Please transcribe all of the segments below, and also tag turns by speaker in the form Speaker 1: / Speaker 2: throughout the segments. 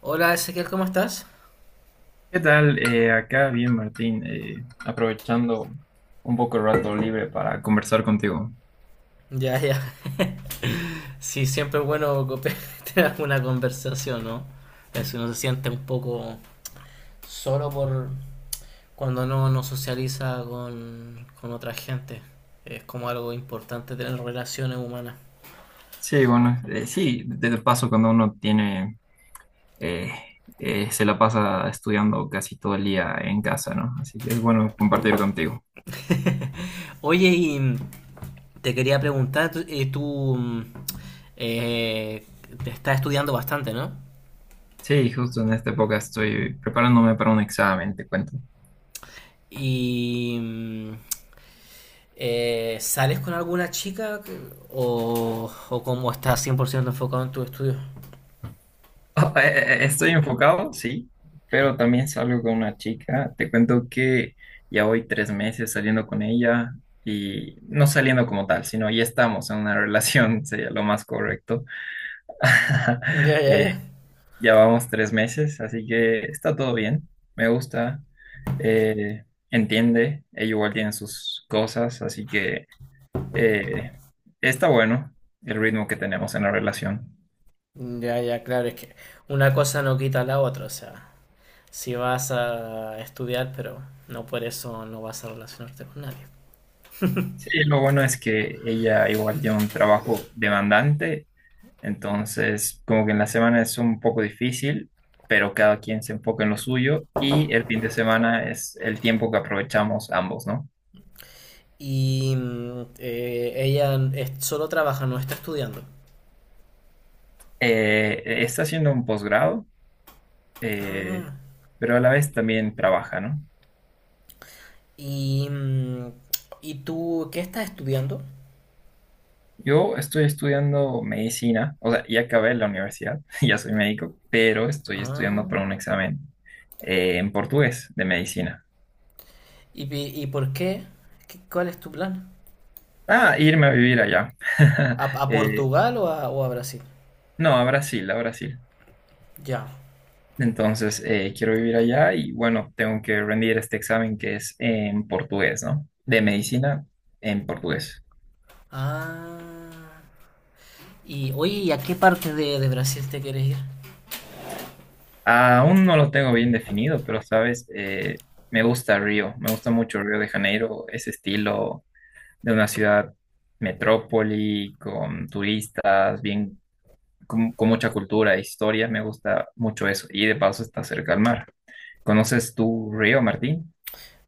Speaker 1: Hola Ezequiel, ¿cómo estás?
Speaker 2: ¿Qué tal? Acá bien, Martín, aprovechando un poco el rato libre para conversar contigo.
Speaker 1: Ya, ya. Sí, siempre es bueno tener una conversación, ¿no? Si uno se siente un poco solo por cuando no socializa con otra gente. Es como algo importante tener relaciones humanas.
Speaker 2: Sí, bueno, sí, de paso cuando uno tiene, eh, se la pasa estudiando casi todo el día en casa, ¿no? Así que es bueno compartir contigo.
Speaker 1: Oye, y te quería preguntar, eh, te estás estudiando bastante, ¿no?
Speaker 2: Sí, justo en esta época estoy preparándome para un examen, te cuento.
Speaker 1: Y mm, ¿Sales con alguna chica o cómo estás 100% enfocado en tu estudio?
Speaker 2: Ah, estoy enfocado, sí, pero también salgo con una chica. Te cuento que ya voy 3 meses saliendo con ella y no saliendo como tal, sino ya estamos en una relación, sería lo más correcto.
Speaker 1: Ya, ya,
Speaker 2: Eh,
Speaker 1: ya.
Speaker 2: ya vamos 3 meses, así que está todo bien, me gusta, eh, entiende, ella igual tiene sus cosas, así que eh, está bueno el ritmo que tenemos en la relación.
Speaker 1: Ya, ya, claro, es que una cosa no quita la otra, o sea, si vas a estudiar, pero no por eso no vas a relacionarte con nadie.
Speaker 2: Sí, lo bueno es que ella igual tiene un trabajo demandante, entonces como que en la semana es un poco difícil, pero cada quien se enfoca en lo suyo y el fin de semana es el tiempo que aprovechamos ambos, ¿no?
Speaker 1: Ella solo trabaja, no está estudiando.
Speaker 2: Está haciendo un posgrado, eh,
Speaker 1: Ah,
Speaker 2: pero a la vez también trabaja, ¿no?
Speaker 1: y, mm, ¿y tú qué estás estudiando?
Speaker 2: Yo estoy estudiando medicina, o sea, ya acabé la universidad, ya soy médico, pero estoy estudiando
Speaker 1: Ah,
Speaker 2: para un examen en portugués de medicina.
Speaker 1: ¿y por qué? ¿Cuál es tu plan?
Speaker 2: Ah, irme a vivir allá.
Speaker 1: A
Speaker 2: Eh,
Speaker 1: Portugal o a Brasil?
Speaker 2: no, a Brasil, a Brasil.
Speaker 1: Ya.
Speaker 2: Entonces, quiero vivir allá y bueno, tengo que rendir este examen que es en portugués, ¿no? De medicina en portugués.
Speaker 1: Ah. Y oye, ¿y a qué parte de Brasil te quieres ir?
Speaker 2: Aún no lo tengo bien definido, pero sabes, me gusta Río, me gusta mucho Río de Janeiro, ese estilo de una ciudad metrópoli, con turistas, bien, con mucha cultura e historia, me gusta mucho eso. Y de paso está cerca al mar. ¿Conoces tú Río, Martín?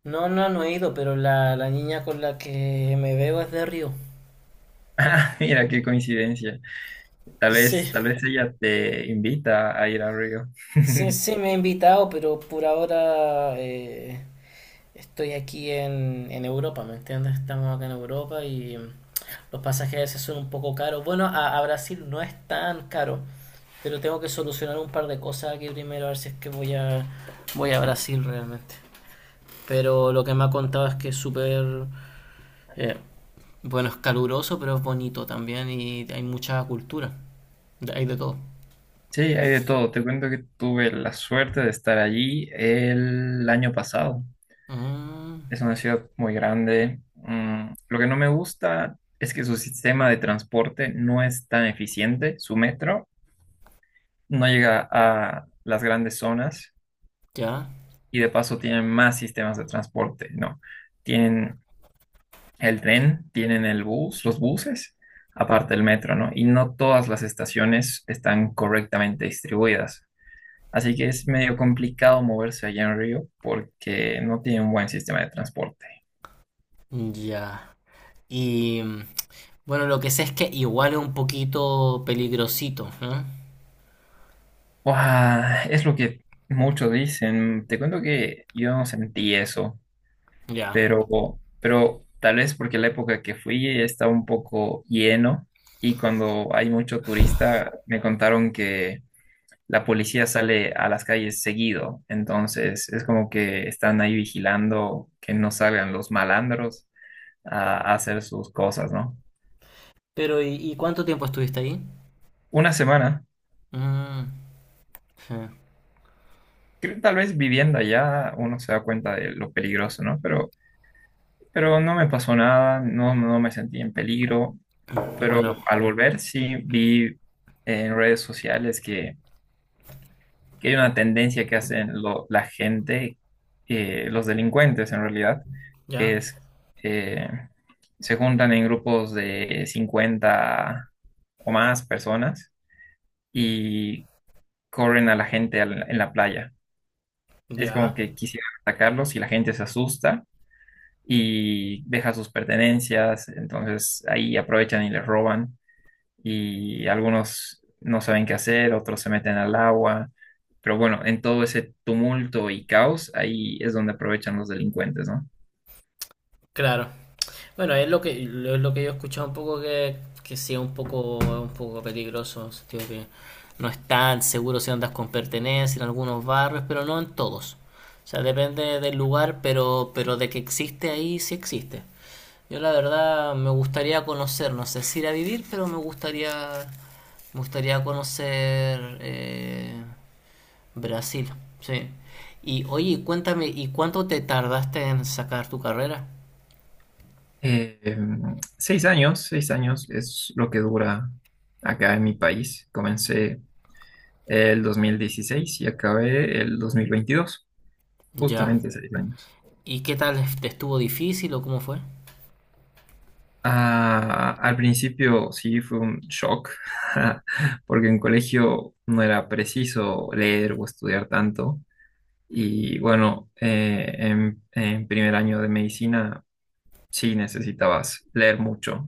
Speaker 1: No, no, no he ido, pero la niña con la que me veo es de Río.
Speaker 2: Mira qué coincidencia.
Speaker 1: Sí,
Speaker 2: Tal vez ella te invita a ir a Río.
Speaker 1: sí, sí, me ha invitado, pero por ahora estoy aquí en Europa, ¿me entiendes? Estamos acá en Europa y los pasajes a veces son un poco caros. Bueno, a Brasil no es tan caro, pero tengo que solucionar un par de cosas aquí primero, a ver si es que voy a, voy a Brasil realmente. Pero lo que me ha contado es que es súper, eh, bueno, es caluroso, pero es bonito también y hay mucha cultura. Hay de todo.
Speaker 2: Sí, hay de todo. Te cuento que tuve la suerte de estar allí el año pasado.
Speaker 1: Mm,
Speaker 2: Es una ciudad muy grande. Mm, lo que no me gusta es que su sistema de transporte no es tan eficiente. Su metro no llega a las grandes zonas
Speaker 1: ya,
Speaker 2: y de paso tienen más sistemas de transporte, ¿no? Tienen el tren, tienen el bus, los buses, aparte del metro, ¿no? Y no todas las estaciones están correctamente distribuidas. Así que es medio complicado moverse allá en Río porque no tiene un buen sistema de transporte.
Speaker 1: ya. Y mm, bueno, lo que sé es que igual es un poquito peligrosito, ¿no?
Speaker 2: Buah, es lo que muchos dicen. Te cuento que yo no sentí eso,
Speaker 1: Ya.
Speaker 2: pero, pero tal vez porque la época que fui estaba un poco lleno y cuando hay mucho turista me contaron que la policía sale a las calles seguido, entonces es como que están ahí vigilando que no salgan los malandros a hacer sus cosas, ¿no?
Speaker 1: Pero y cuánto tiempo estuviste ahí?
Speaker 2: Una semana,
Speaker 1: Mm, sí.
Speaker 2: creo tal vez viviendo allá uno se da cuenta de lo peligroso, ¿no? Pero no me pasó nada, no, no me sentí en peligro, pero
Speaker 1: Bueno,
Speaker 2: al volver sí vi en redes sociales que hay una tendencia que hacen la gente, los delincuentes en realidad,
Speaker 1: ya,
Speaker 2: que es, eh, se juntan en grupos de 50 o más personas y corren a la gente en la playa.
Speaker 1: ya,
Speaker 2: Es como que quisieran atacarlos y la gente se asusta y deja sus pertenencias, entonces ahí aprovechan y les roban y algunos no saben qué hacer, otros se meten al agua. Pero bueno, en todo ese tumulto y caos, ahí es donde aprovechan los delincuentes, ¿no?
Speaker 1: claro. Bueno, es lo que, es lo que yo he escuchado un poco que sí es un poco peligroso, en el sentido que no es tan seguro si andas con pertenencia en algunos barrios, pero no en todos. O sea, depende del lugar, pero de que existe ahí, sí existe. Yo la verdad me gustaría conocer, no sé si ir a vivir, pero me gustaría conocer Brasil, sí. Y oye, cuéntame, ¿y cuánto te tardaste en sacar tu carrera?
Speaker 2: Eh, 6 años, 6 años es lo que dura acá en mi país. Comencé el 2016 y acabé el 2022
Speaker 1: Ya.
Speaker 2: justamente 6 años.
Speaker 1: ¿Y qué tal? ¿Te estuvo difícil o cómo fue?
Speaker 2: Ah, al principio sí fue un shock, porque en colegio no era preciso leer o estudiar tanto. Y bueno, en primer año de medicina sí necesitabas leer mucho,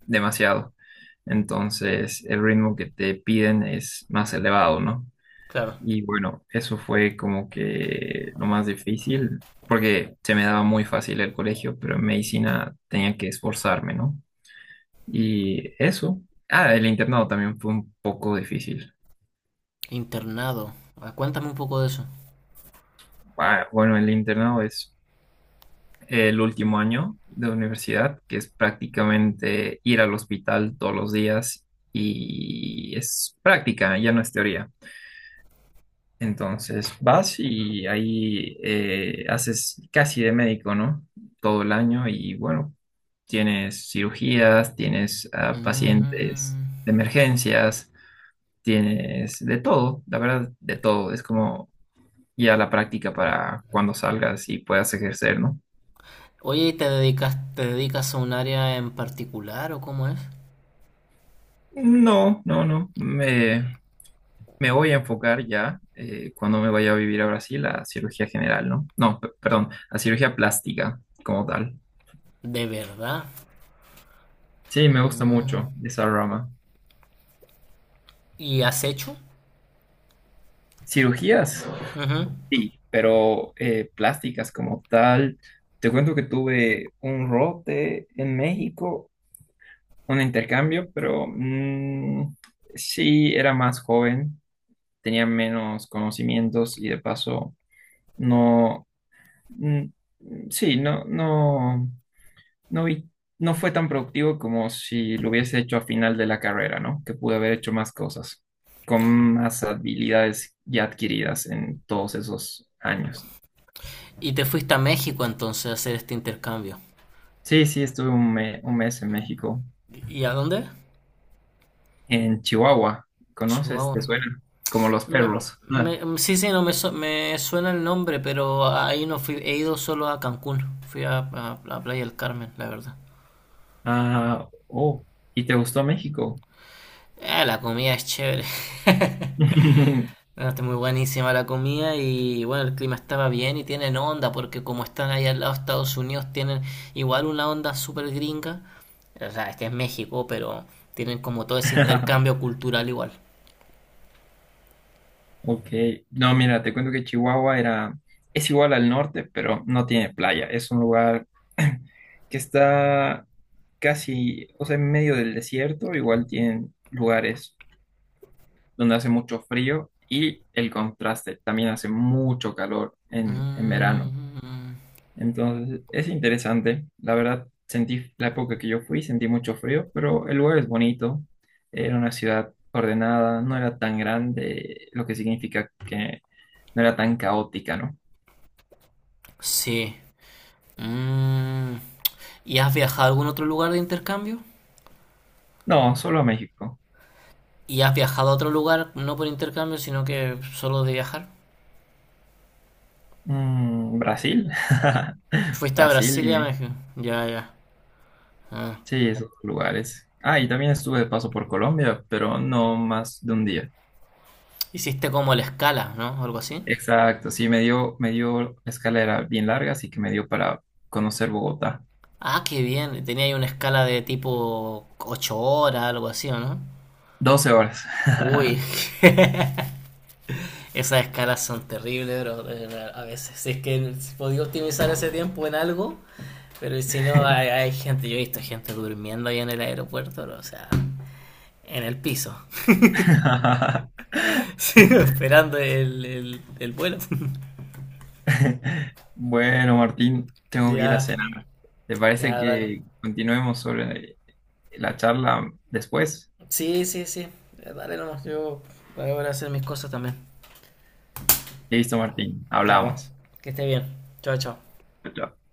Speaker 2: demasiado. Entonces el ritmo que te piden es más elevado, ¿no?
Speaker 1: Claro.
Speaker 2: Y bueno, eso fue como que lo más difícil, porque se me daba muy fácil el colegio, pero en medicina tenía que esforzarme, ¿no? Y eso. Ah, el internado también fue un poco difícil.
Speaker 1: Internado. Ah, cuéntame un poco de eso.
Speaker 2: Ah, bueno, el internado es el último año de universidad, que es prácticamente ir al hospital todos los días y es práctica, ya no es teoría. Entonces vas y ahí haces casi de médico, ¿no? Todo el año y bueno, tienes cirugías, tienes pacientes
Speaker 1: Mm.
Speaker 2: de emergencias, tienes de todo, la verdad, de todo. Es como ya la práctica para cuando salgas y puedas ejercer, ¿no?
Speaker 1: Oye, ¿ te dedicas a un área en particular o cómo es?
Speaker 2: No, no, no. Me voy a enfocar ya cuando me vaya a vivir a Brasil a cirugía general, ¿no? No, perdón, a cirugía plástica como tal.
Speaker 1: De verdad.
Speaker 2: Sí, me gusta
Speaker 1: Mm.
Speaker 2: mucho esa rama.
Speaker 1: ¿Y has hecho?
Speaker 2: Cirugías,
Speaker 1: Ujú.
Speaker 2: sí, pero plásticas como tal. Te cuento que tuve un rote en México, un intercambio, pero sí, era más joven, tenía menos conocimientos y de paso no, mm, sí, no, no. No vi, no fue tan productivo como si lo hubiese hecho a final de la carrera, ¿no? Que pude haber hecho más cosas, con más habilidades ya adquiridas en todos esos años.
Speaker 1: Y te fuiste a México entonces a hacer este intercambio.
Speaker 2: Sí, sí, estuve un mes en México,
Speaker 1: ¿Y a dónde?
Speaker 2: en Chihuahua. ¿Conoces?
Speaker 1: Chihuahua.
Speaker 2: ¿Te suena? Como los
Speaker 1: Me-
Speaker 2: perros.
Speaker 1: sí, sí, no me, su- me suena el nombre, pero ahí no fui. He ido solo a Cancún. Fui a, a Playa del Carmen, la verdad.
Speaker 2: Ah, ah, oh, ¿y te gustó México?
Speaker 1: Ah, la comida es chévere. Bueno, está muy buenísima la comida y bueno, el clima estaba bien y tienen onda porque como están ahí al lado de Estados Unidos tienen igual una onda súper gringa. O sea, este es México, pero tienen como todo ese intercambio cultural igual.
Speaker 2: Ok, no, mira, te cuento que Chihuahua era, es igual al norte, pero no tiene playa. Es un lugar que está casi, o sea, en medio del desierto, igual tienen lugares donde hace mucho frío y el contraste, también hace mucho calor en verano.
Speaker 1: Mm,
Speaker 2: Entonces, es interesante. La verdad, sentí la época que yo fui, sentí mucho frío, pero el lugar es bonito. Era una ciudad ordenada, no era tan grande, lo que significa que no era tan caótica, ¿no?
Speaker 1: sí. Mm. ¿Y has viajado a algún otro lugar de intercambio?
Speaker 2: No, solo México.
Speaker 1: ¿Y has viajado a otro lugar, no por intercambio, sino que solo de viajar?
Speaker 2: Mm, Brasil.
Speaker 1: ¿Fuiste a
Speaker 2: Brasil y
Speaker 1: Brasilia,
Speaker 2: México.
Speaker 1: México? Ya, ya. Ah.
Speaker 2: Sí, esos lugares. Ah, y también estuve de paso por Colombia, pero no más de un día.
Speaker 1: Hiciste como la escala, ¿no? O algo así.
Speaker 2: Exacto, sí, me dio escalera bien larga, así que me dio para conocer Bogotá.
Speaker 1: Ah, qué bien. Tenía ahí una escala de tipo 8 horas, algo así, ¿o no?
Speaker 2: 12 horas.
Speaker 1: Uy, esas escalas son terribles, bro. A veces, si es que podía optimizar ese tiempo en algo, pero si no, hay gente, yo he visto gente durmiendo ahí en el aeropuerto, bro, o sea, en el piso, sí, esperando el vuelo.
Speaker 2: Bueno, Martín, tengo que ir a
Speaker 1: Ya,
Speaker 2: cenar. ¿Te parece
Speaker 1: ya, dale.
Speaker 2: que continuemos sobre la charla después?
Speaker 1: Sí, sí, sí, dale nomás, yo voy a hacer mis cosas también.
Speaker 2: Listo, Martín,
Speaker 1: Ya va.
Speaker 2: hablamos.
Speaker 1: Que esté bien. Chao, chao.
Speaker 2: Chao.